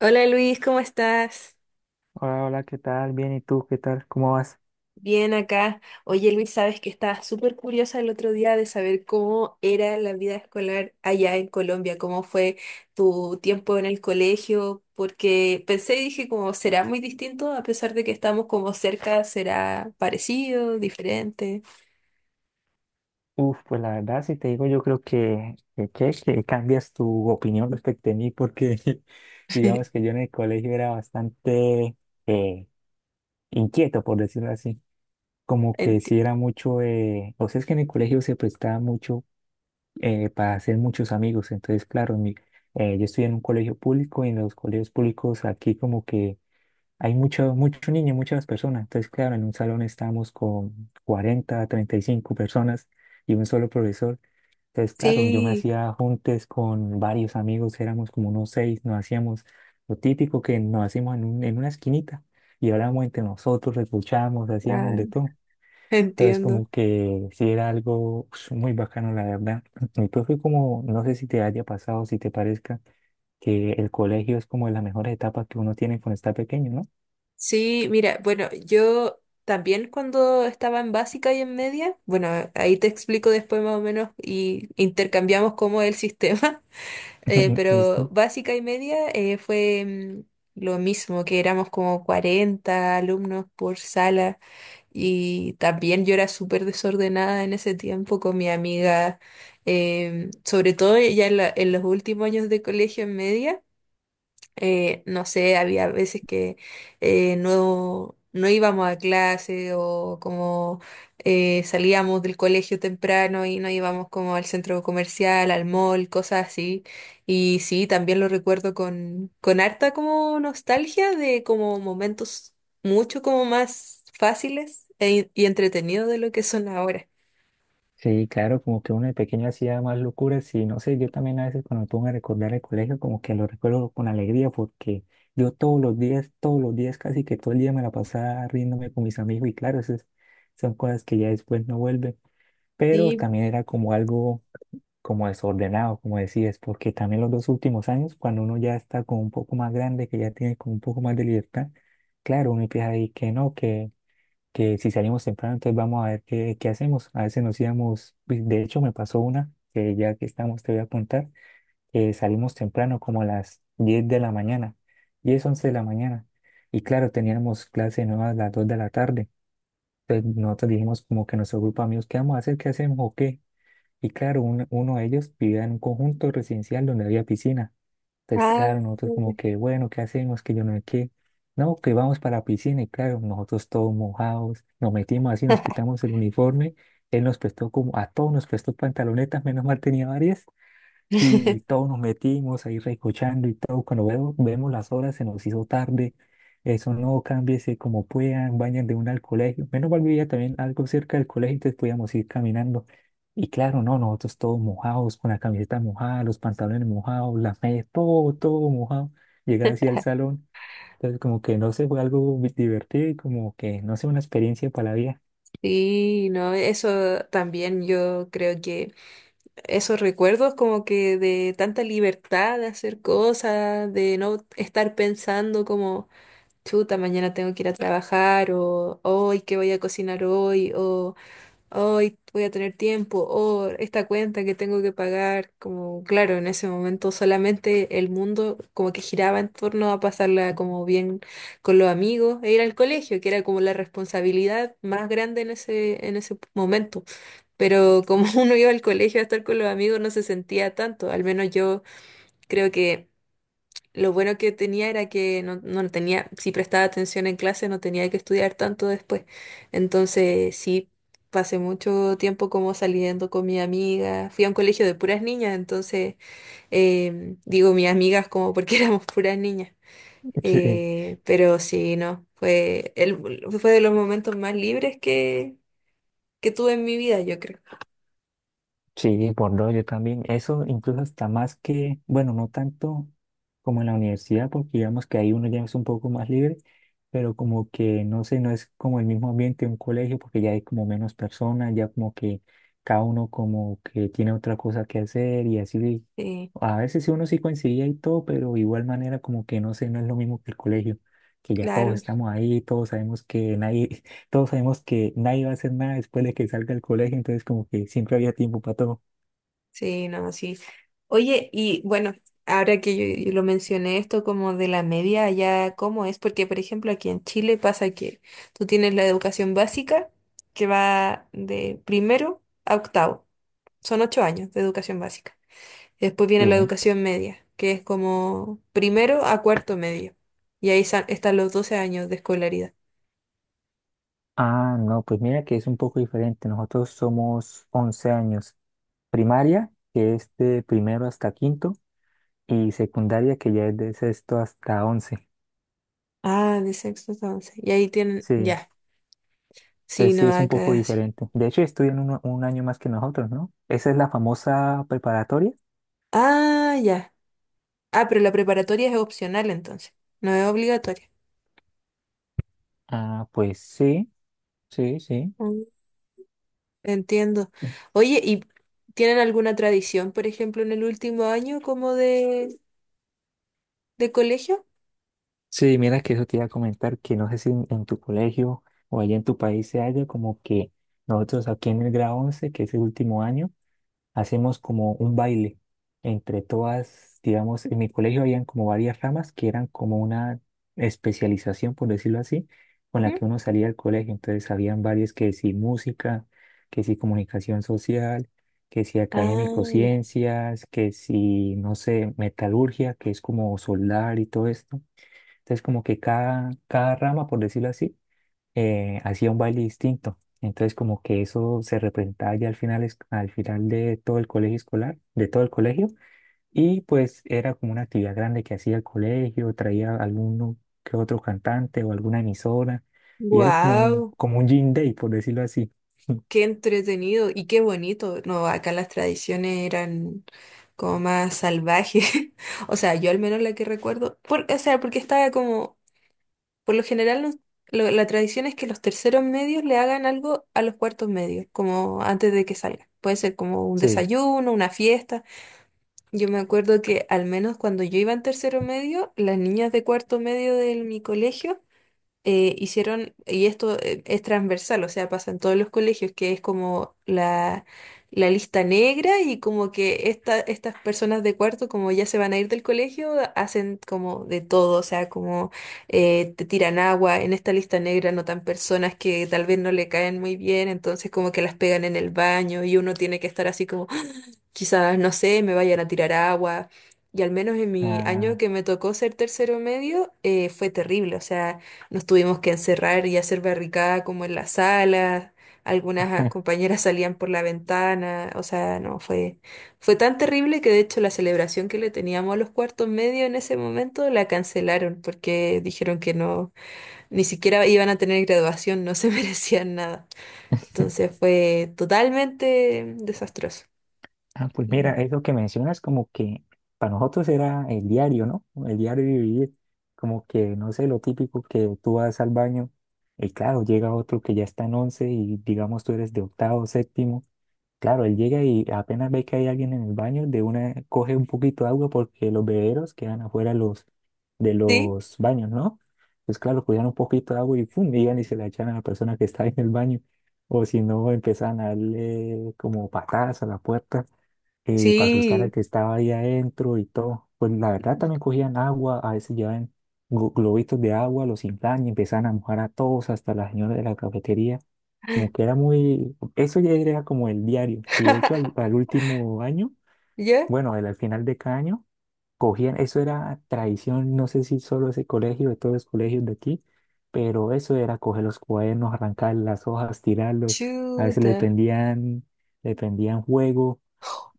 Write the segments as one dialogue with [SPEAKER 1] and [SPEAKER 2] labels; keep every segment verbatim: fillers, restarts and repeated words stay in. [SPEAKER 1] Hola Luis, ¿cómo estás?
[SPEAKER 2] Hola, hola, ¿qué tal? Bien, ¿y tú qué tal? ¿Cómo vas?
[SPEAKER 1] Bien acá. Oye Luis, sabes que estaba súper curiosa el otro día de saber cómo era la vida escolar allá en Colombia, cómo fue tu tiempo en el colegio, porque pensé y dije como será muy distinto, a pesar de que estamos como cerca, será parecido, diferente.
[SPEAKER 2] Uf, pues la verdad, si te digo, yo creo que, que, que, que cambias tu opinión respecto a mí, porque digamos que yo en el colegio era bastante eh, inquieto, por decirlo así. Como que
[SPEAKER 1] Enti-
[SPEAKER 2] si era mucho, eh, o sea, es que en el colegio se prestaba mucho eh, para hacer muchos amigos. Entonces, claro, mi- eh, yo estoy en un colegio público y en los colegios públicos aquí como que hay mucho, mucho niño, muchas personas. Entonces, claro, en un salón estábamos con cuarenta treinta y cinco personas y un solo profesor. Entonces, claro, yo me
[SPEAKER 1] sí,
[SPEAKER 2] hacía juntes con varios amigos, éramos como unos seis, nos hacíamos lo típico que nos hacíamos en, un- en una esquinita y hablábamos entre nosotros, escuchábamos, hacíamos
[SPEAKER 1] ah,
[SPEAKER 2] de todo. Entonces,
[SPEAKER 1] entiendo.
[SPEAKER 2] como que sí era algo ush, muy bacano, la verdad. Mi profe, como, no sé si te haya pasado, si te parezca, que el colegio es como de las mejores etapas que uno tiene cuando está pequeño, ¿no?
[SPEAKER 1] Sí, mira, bueno, yo también cuando estaba en básica y en media, bueno, ahí te explico después más o menos y intercambiamos cómo es el sistema. Eh, pero
[SPEAKER 2] ¿Listo?
[SPEAKER 1] básica y media eh, fue mm, lo mismo, que éramos como cuarenta alumnos por sala y también yo era súper desordenada en ese tiempo con mi amiga, em, sobre todo ya en, la- en los últimos años de colegio en media. Eh, no sé, había veces que eh, no, no íbamos a clase o como eh, salíamos del colegio temprano y no íbamos como al centro comercial, al mall, cosas así. Y sí, también lo recuerdo con, con harta como nostalgia de como momentos mucho como más fáciles e- y entretenidos de lo que son ahora.
[SPEAKER 2] Sí, claro, como que uno de pequeño hacía más locuras y no sé, yo también a veces cuando me pongo a recordar el colegio, como que lo recuerdo con alegría porque yo todos los días, todos los días, casi que todo el día me la pasaba riéndome con mis amigos y claro, esas son cosas que ya después no vuelven, pero
[SPEAKER 1] Sí,
[SPEAKER 2] también era como algo como desordenado, como decías, porque también los dos últimos años, cuando uno ya está como un poco más grande, que ya tiene como un poco más de libertad, claro, uno empieza a decir que no, que que si salimos temprano, entonces vamos a ver qué, qué hacemos. A veces nos íbamos, pues, de hecho me pasó una, que ya que estamos te voy a contar, que salimos temprano como a las diez de la mañana, diez once de la mañana. Y claro, teníamos clase nueva a las dos de la tarde. Entonces nosotros dijimos como que nuestro grupo de amigos, ¿qué vamos a hacer? ¿Qué hacemos o qué? Y claro, un- uno de ellos vivía en un conjunto residencial donde había piscina. Entonces,
[SPEAKER 1] ah.
[SPEAKER 2] claro, nosotros como que, bueno, ¿qué hacemos? Que yo no sé qué. No, que vamos para la piscina y claro, nosotros todos mojados, nos metimos así, nos quitamos el uniforme. Él nos prestó como, a todos nos prestó pantalonetas, menos mal tenía varias. Y todos nos metimos ahí recochando y todo. Cuando veo- vemos las horas, se nos hizo tarde. Eso no, cámbiese como puedan, vayan de una al colegio. Menos mal vivía también algo cerca del colegio, entonces podíamos ir caminando. Y claro, no, nosotros todos mojados, con la camiseta mojada, los pantalones mojados, las medias, todo, todo mojado. Llegar así al salón. Entonces, como que no sé, fue algo bi- divertido y como que no sé, una experiencia para la vida.
[SPEAKER 1] Sí, no, eso también yo creo que... esos recuerdos como que de tanta libertad de hacer cosas, de no estar pensando como, chuta, mañana tengo que ir a trabajar o hoy, ¿qué voy a cocinar hoy? O hoy voy a tener tiempo, o esta cuenta que tengo que pagar, como claro, en ese momento solamente el mundo como que giraba en torno a pasarla como bien con los amigos e ir al colegio, que era como la responsabilidad más grande en ese, en ese momento. Pero como uno iba al colegio a estar con los amigos, no se sentía tanto, al menos yo creo que lo bueno que tenía era que no, no tenía, si prestaba atención en clase, no tenía que estudiar tanto después. Entonces, sí, pasé mucho tiempo como saliendo con mi amiga. Fui a un colegio de puras niñas, entonces, em, digo mis amigas como porque éramos puras niñas. Eh, pero sí, no, fue, el, fue de los momentos más libres que, que tuve en mi vida, yo creo.
[SPEAKER 2] Sí, por dos, yo también. Eso incluso hasta más que, bueno, no tanto como en la universidad, porque digamos que ahí uno ya es un poco más libre, pero como que, no sé, no es como el mismo ambiente de un colegio, porque ya hay como menos personas, ya como que cada uno como que tiene otra cosa que hacer y así.
[SPEAKER 1] Sí,
[SPEAKER 2] A veces sí uno sí coincidía y todo, pero de igual manera como que, no sé, no es lo mismo que el colegio, que ya todos
[SPEAKER 1] claro.
[SPEAKER 2] estamos ahí, todos sabemos que nadie todos sabemos que nadie va a hacer nada después de que salga del colegio, entonces como que siempre había tiempo para todo.
[SPEAKER 1] Sí, no, sí. Oye, y bueno, ahora que yo, yo lo mencioné esto como de la media, allá cómo es, porque por ejemplo aquí en Chile pasa que tú tienes la educación básica que va de primero a octavo, son ocho años de educación básica. Y después viene la
[SPEAKER 2] Sí.
[SPEAKER 1] educación media, que es como primero a cuarto medio. Y ahí sa- están los doce años de escolaridad.
[SPEAKER 2] Ah, no, pues mira que es un poco diferente. Nosotros somos once años. Primaria, que es de primero hasta quinto, y secundaria, que ya es de sexto hasta once.
[SPEAKER 1] Ah, de sexto a once. Y ahí tienen,
[SPEAKER 2] Sí,
[SPEAKER 1] ya, sí,
[SPEAKER 2] entonces
[SPEAKER 1] no,
[SPEAKER 2] sí es un poco
[SPEAKER 1] acá sí.
[SPEAKER 2] diferente. De hecho, estudian un, un año más que nosotros, ¿no? Esa es la famosa preparatoria.
[SPEAKER 1] Ah, ya. Ah, pero la preparatoria es opcional entonces, no es obligatoria.
[SPEAKER 2] Ah, pues sí, sí, sí.
[SPEAKER 1] Mm. Entiendo. Oye, ¿y tienen alguna tradición, por ejemplo, en el último año como de, de colegio?
[SPEAKER 2] Sí, mira que eso te iba a comentar, que no sé si en, en tu colegio o allá en tu país se haya como que nosotros aquí en el grado once, que es el último año, hacemos como un baile entre todas, digamos, en mi colegio habían como varias ramas que eran como una especialización, por decirlo así, con la
[SPEAKER 1] Ujú.
[SPEAKER 2] que uno salía del colegio. Entonces habían varias que sí música, que sí comunicación social, que sí
[SPEAKER 1] Ah,
[SPEAKER 2] académico
[SPEAKER 1] ya.
[SPEAKER 2] ciencias, que sí, no sé, metalurgia, que es como soldar y todo esto. Entonces, como que cada, cada rama, por decirlo así, eh, hacía un baile distinto. Entonces, como que eso se representaba ya al final, es- al final de todo el colegio escolar, de todo el colegio. Y pues era como una actividad grande que hacía el colegio, traía alguno que otro cantante o alguna emisora. Y era como un,
[SPEAKER 1] Wow,
[SPEAKER 2] como un Gym Day, por decirlo así.
[SPEAKER 1] qué entretenido y qué bonito. No, acá las tradiciones eran como más salvajes. O sea, yo al menos la que recuerdo, por- o sea, porque estaba como... Por lo general, los- lo- la tradición es que los terceros medios le hagan algo a los cuartos medios, como antes de que salgan. Puede ser como un
[SPEAKER 2] Sí.
[SPEAKER 1] desayuno, una fiesta. Yo me acuerdo que al menos cuando yo iba en tercero medio, las niñas de cuarto medio de mi colegio eh, hicieron, y esto eh, es transversal, o sea, pasa en todos los colegios, que es como la, la lista negra y como que esta, estas personas de cuarto, como ya se van a ir del colegio, hacen como de todo, o sea, como eh, te tiran agua, en esta lista negra notan personas que tal vez no le caen muy bien, entonces como que las pegan en el baño y uno tiene que estar así como... Quizás, no sé, me vayan a tirar agua. Y al menos en mi año
[SPEAKER 2] Ah,
[SPEAKER 1] que me tocó ser tercero medio, eh, fue terrible. O sea, nos tuvimos que encerrar y hacer barricada como en la sala. Algunas ah, compañeras salían por la ventana. O sea, no, fue, fue tan terrible que de hecho la celebración que le teníamos a los cuartos medios en ese momento la cancelaron porque dijeron que no, ni siquiera iban a tener graduación, no se merecían nada. Entonces fue totalmente desastroso.
[SPEAKER 2] Ah, pues mira,
[SPEAKER 1] Mm.
[SPEAKER 2] eso que mencionas como que para nosotros era el diario, ¿no? El diario de vivir, como que, no sé, lo típico que tú vas al baño y claro, llega otro que ya está en once y digamos tú eres de octavo, séptimo, claro, él llega y apenas ve que hay alguien en el baño, de una coge un poquito de agua porque los bebederos quedan afuera de los, de
[SPEAKER 1] Sí,
[SPEAKER 2] los baños, ¿no? Pues claro, cogían un poquito de agua y ¡fum! Iban y se la echan a la persona que está en el baño, o si no, empezaban a darle como patadas a la puerta eh, para asustar al
[SPEAKER 1] sí.
[SPEAKER 2] que estaba ahí adentro y todo. Pues la verdad también cogían agua, a veces llevaban glo- globitos de agua, los inflan y empezaban a mojar a todos, hasta la señora de la cafetería. Como que era muy, eso ya era como el diario. Y de hecho al, al último año,
[SPEAKER 1] Ya,
[SPEAKER 2] bueno, al, al final de cada año, cogían, eso era tradición, no sé si solo ese colegio, de todos los colegios de aquí, pero eso era coger los cuadernos, arrancar las hojas, tirarlos. A veces le
[SPEAKER 1] chuta.
[SPEAKER 2] pendían, le pendían juego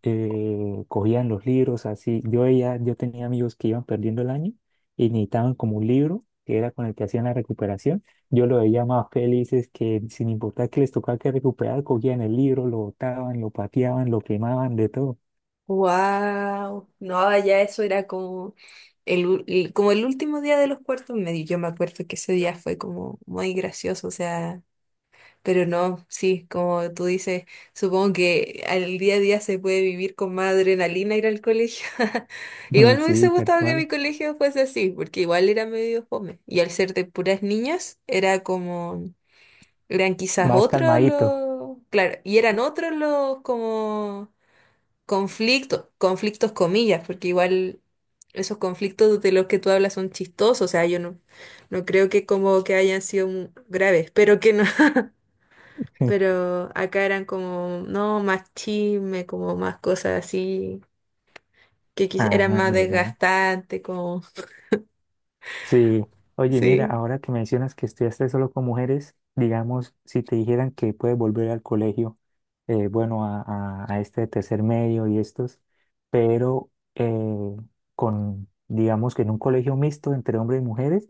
[SPEAKER 2] eh, cogían los libros así. Yo, ella yo tenía amigos que iban perdiendo el año y necesitaban como un libro que era con el que hacían la recuperación. Yo lo veía más felices que sin importar que les tocaba que recuperar, cogían el libro, lo botaban, lo pateaban, lo quemaban, de todo.
[SPEAKER 1] Wow. No, ya eso era como el, ul- el- como el último día de los cuartos medios. Yo me acuerdo que ese día fue como muy gracioso, o sea, pero no, sí, como tú dices, supongo que al día a día se puede vivir con más adrenalina ir al colegio. Igual me hubiese
[SPEAKER 2] Sí, tal
[SPEAKER 1] gustado que
[SPEAKER 2] cual.
[SPEAKER 1] mi colegio fuese así, porque igual era medio fome. Y al ser de puras niñas, era como... Eran quizás
[SPEAKER 2] Más
[SPEAKER 1] otros
[SPEAKER 2] calmadito.
[SPEAKER 1] los, claro, y eran otros los como conflictos, conflictos comillas, porque igual esos conflictos de los que tú hablas son chistosos, o sea, yo no, no creo que como que hayan sido mu- graves, pero que no. Pero acá eran como, no, más chisme, como más cosas así, que quiz- eran
[SPEAKER 2] Ah,
[SPEAKER 1] más
[SPEAKER 2] mira.
[SPEAKER 1] desgastantes, como...
[SPEAKER 2] Sí, oye, mira,
[SPEAKER 1] Sí,
[SPEAKER 2] ahora que mencionas que estudiaste solo con mujeres, digamos, si te dijeran que puedes volver al colegio, eh, bueno, a, a- a este tercer medio y estos, pero eh, con, digamos que en un colegio mixto entre hombres y mujeres,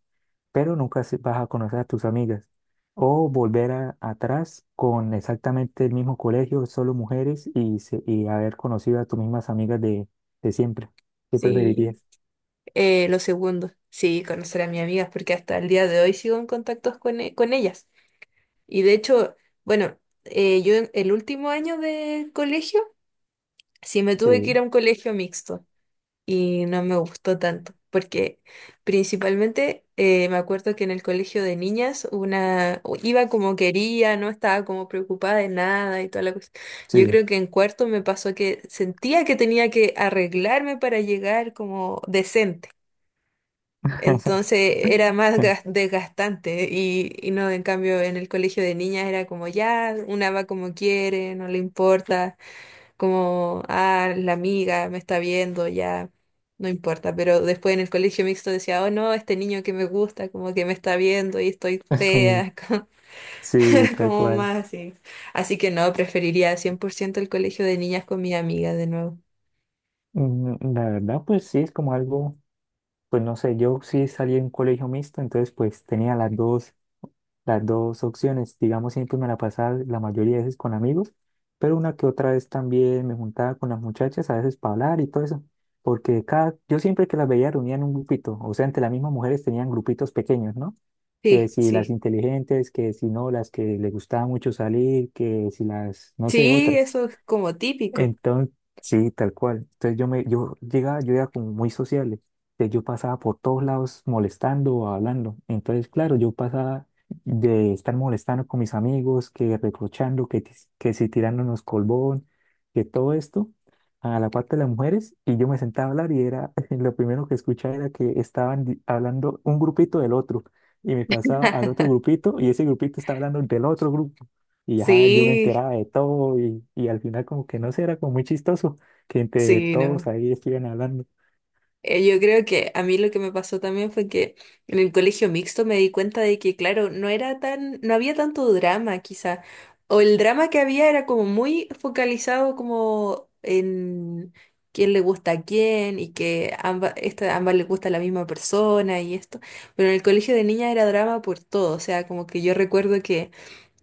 [SPEAKER 2] pero nunca se- vas a conocer a tus amigas. O volver a- atrás con exactamente el mismo colegio, solo mujeres y, se- y haber conocido a tus mismas amigas de, de siempre. ¿Qué
[SPEAKER 1] sí,
[SPEAKER 2] preferirías?
[SPEAKER 1] eh, lo segundo, sí, conocer a mis amigas, porque hasta el día de hoy sigo en contactos con, e- con ellas. Y de hecho, bueno, eh, yo en- el último año de colegio, sí me tuve que
[SPEAKER 2] Sí,
[SPEAKER 1] ir a un colegio mixto y no me gustó tanto, porque principalmente eh, me acuerdo que en el colegio de niñas una iba como quería, no estaba como preocupada de nada y toda la cosa. Yo
[SPEAKER 2] sí.
[SPEAKER 1] creo que en cuarto me pasó que sentía que tenía que arreglarme para llegar como decente. Entonces era más gas- desgastante y, y no, en cambio, en el colegio de niñas era como ya, una va como quiere, no le importa, como, ah, la amiga me está viendo, ya, no importa. Pero después en el colegio mixto decía, oh no, este niño que me gusta, como que me está viendo y estoy fea, como,
[SPEAKER 2] Sí, tal
[SPEAKER 1] como
[SPEAKER 2] cual.
[SPEAKER 1] más así. Así que no, preferiría cien por ciento el colegio de niñas con mi amiga de nuevo.
[SPEAKER 2] Mm, la verdad, pues sí, es como algo, pues no sé, yo sí salí en colegio mixto, entonces pues tenía las dos, las dos opciones. Digamos, siempre me la pasaba la mayoría de veces con amigos, pero una que otra vez también me juntaba con las muchachas, a veces para hablar y todo eso, porque cada, yo siempre que las veía reunía en un grupito, o sea, entre las mismas mujeres tenían grupitos pequeños, ¿no? que
[SPEAKER 1] Sí,
[SPEAKER 2] si las
[SPEAKER 1] sí.
[SPEAKER 2] inteligentes, que si no, las que les gustaba mucho salir, que si las, no sé,
[SPEAKER 1] Sí,
[SPEAKER 2] otras.
[SPEAKER 1] eso es como típico.
[SPEAKER 2] Entonces, sí, tal cual. Entonces yo me, yo llegaba, yo era como muy sociable. Entonces yo pasaba por todos lados molestando o hablando. Entonces, claro, yo pasaba de estar molestando con mis amigos, que reprochando, que, tis- que si tirándonos colbón, que todo esto, a la parte de las mujeres, y yo me sentaba a hablar y era, lo primero que escuchaba era que estaban di- hablando un grupito del otro, y me pasaba al otro grupito, y ese grupito estaba hablando del otro grupo. Y ya yo me
[SPEAKER 1] Sí.
[SPEAKER 2] enteraba de todo y, y al final como que no sé, era como muy chistoso que entre
[SPEAKER 1] Sí,
[SPEAKER 2] todos
[SPEAKER 1] no.
[SPEAKER 2] ahí estuvieran hablando.
[SPEAKER 1] Eh, Yo creo que a mí lo que me pasó también fue que en el colegio mixto me di cuenta de que, claro, no era tan, no había tanto drama, quizá. O el drama que había era como muy focalizado como en quién le gusta a quién y que ambas, esta, ambas les gusta la misma persona y esto. Pero en el colegio de niñas era drama por todo. O sea, como que yo recuerdo que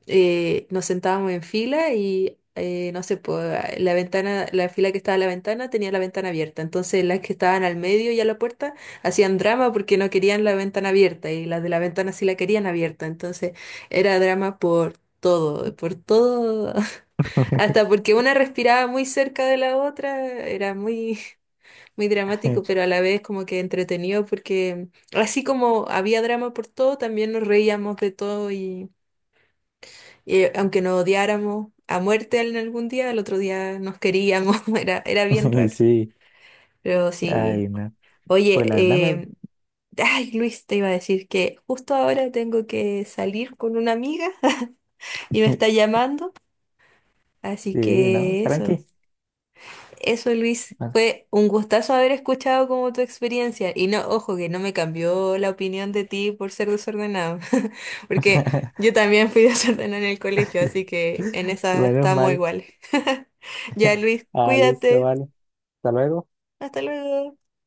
[SPEAKER 1] eh, nos sentábamos en fila y eh, no sé, pues, la ventana, la fila que estaba a la ventana tenía la ventana abierta. Entonces las que estaban al medio y a la puerta hacían drama porque no querían la ventana abierta y las de la ventana sí la querían abierta. Entonces era drama por todo, por todo. Hasta porque una respiraba muy cerca de la otra, era muy, muy dramático, pero a la vez como que entretenido porque así como había drama por todo, también nos reíamos de todo y aunque nos odiáramos a muerte en algún día, al otro día nos queríamos. Era, era bien raro.
[SPEAKER 2] Sí,
[SPEAKER 1] Pero sí,
[SPEAKER 2] ay, no. Pues la verdad
[SPEAKER 1] oye,
[SPEAKER 2] me...
[SPEAKER 1] eh, ay Luis, te iba a decir que justo ahora tengo que salir con una amiga y me está llamando, así
[SPEAKER 2] Sí, no,
[SPEAKER 1] que eso.
[SPEAKER 2] tranqui.
[SPEAKER 1] Eso, Luis,
[SPEAKER 2] Bueno.
[SPEAKER 1] fue un gustazo haber escuchado como tu experiencia. Y no, ojo, que no me cambió la opinión de ti por ser desordenado, porque yo también fui desordenada en el colegio, así que en esa
[SPEAKER 2] Menos
[SPEAKER 1] estamos
[SPEAKER 2] mal.
[SPEAKER 1] iguales. Ya, Luis,
[SPEAKER 2] Ah, listo,
[SPEAKER 1] cuídate.
[SPEAKER 2] vale. Hasta luego.
[SPEAKER 1] Hasta luego.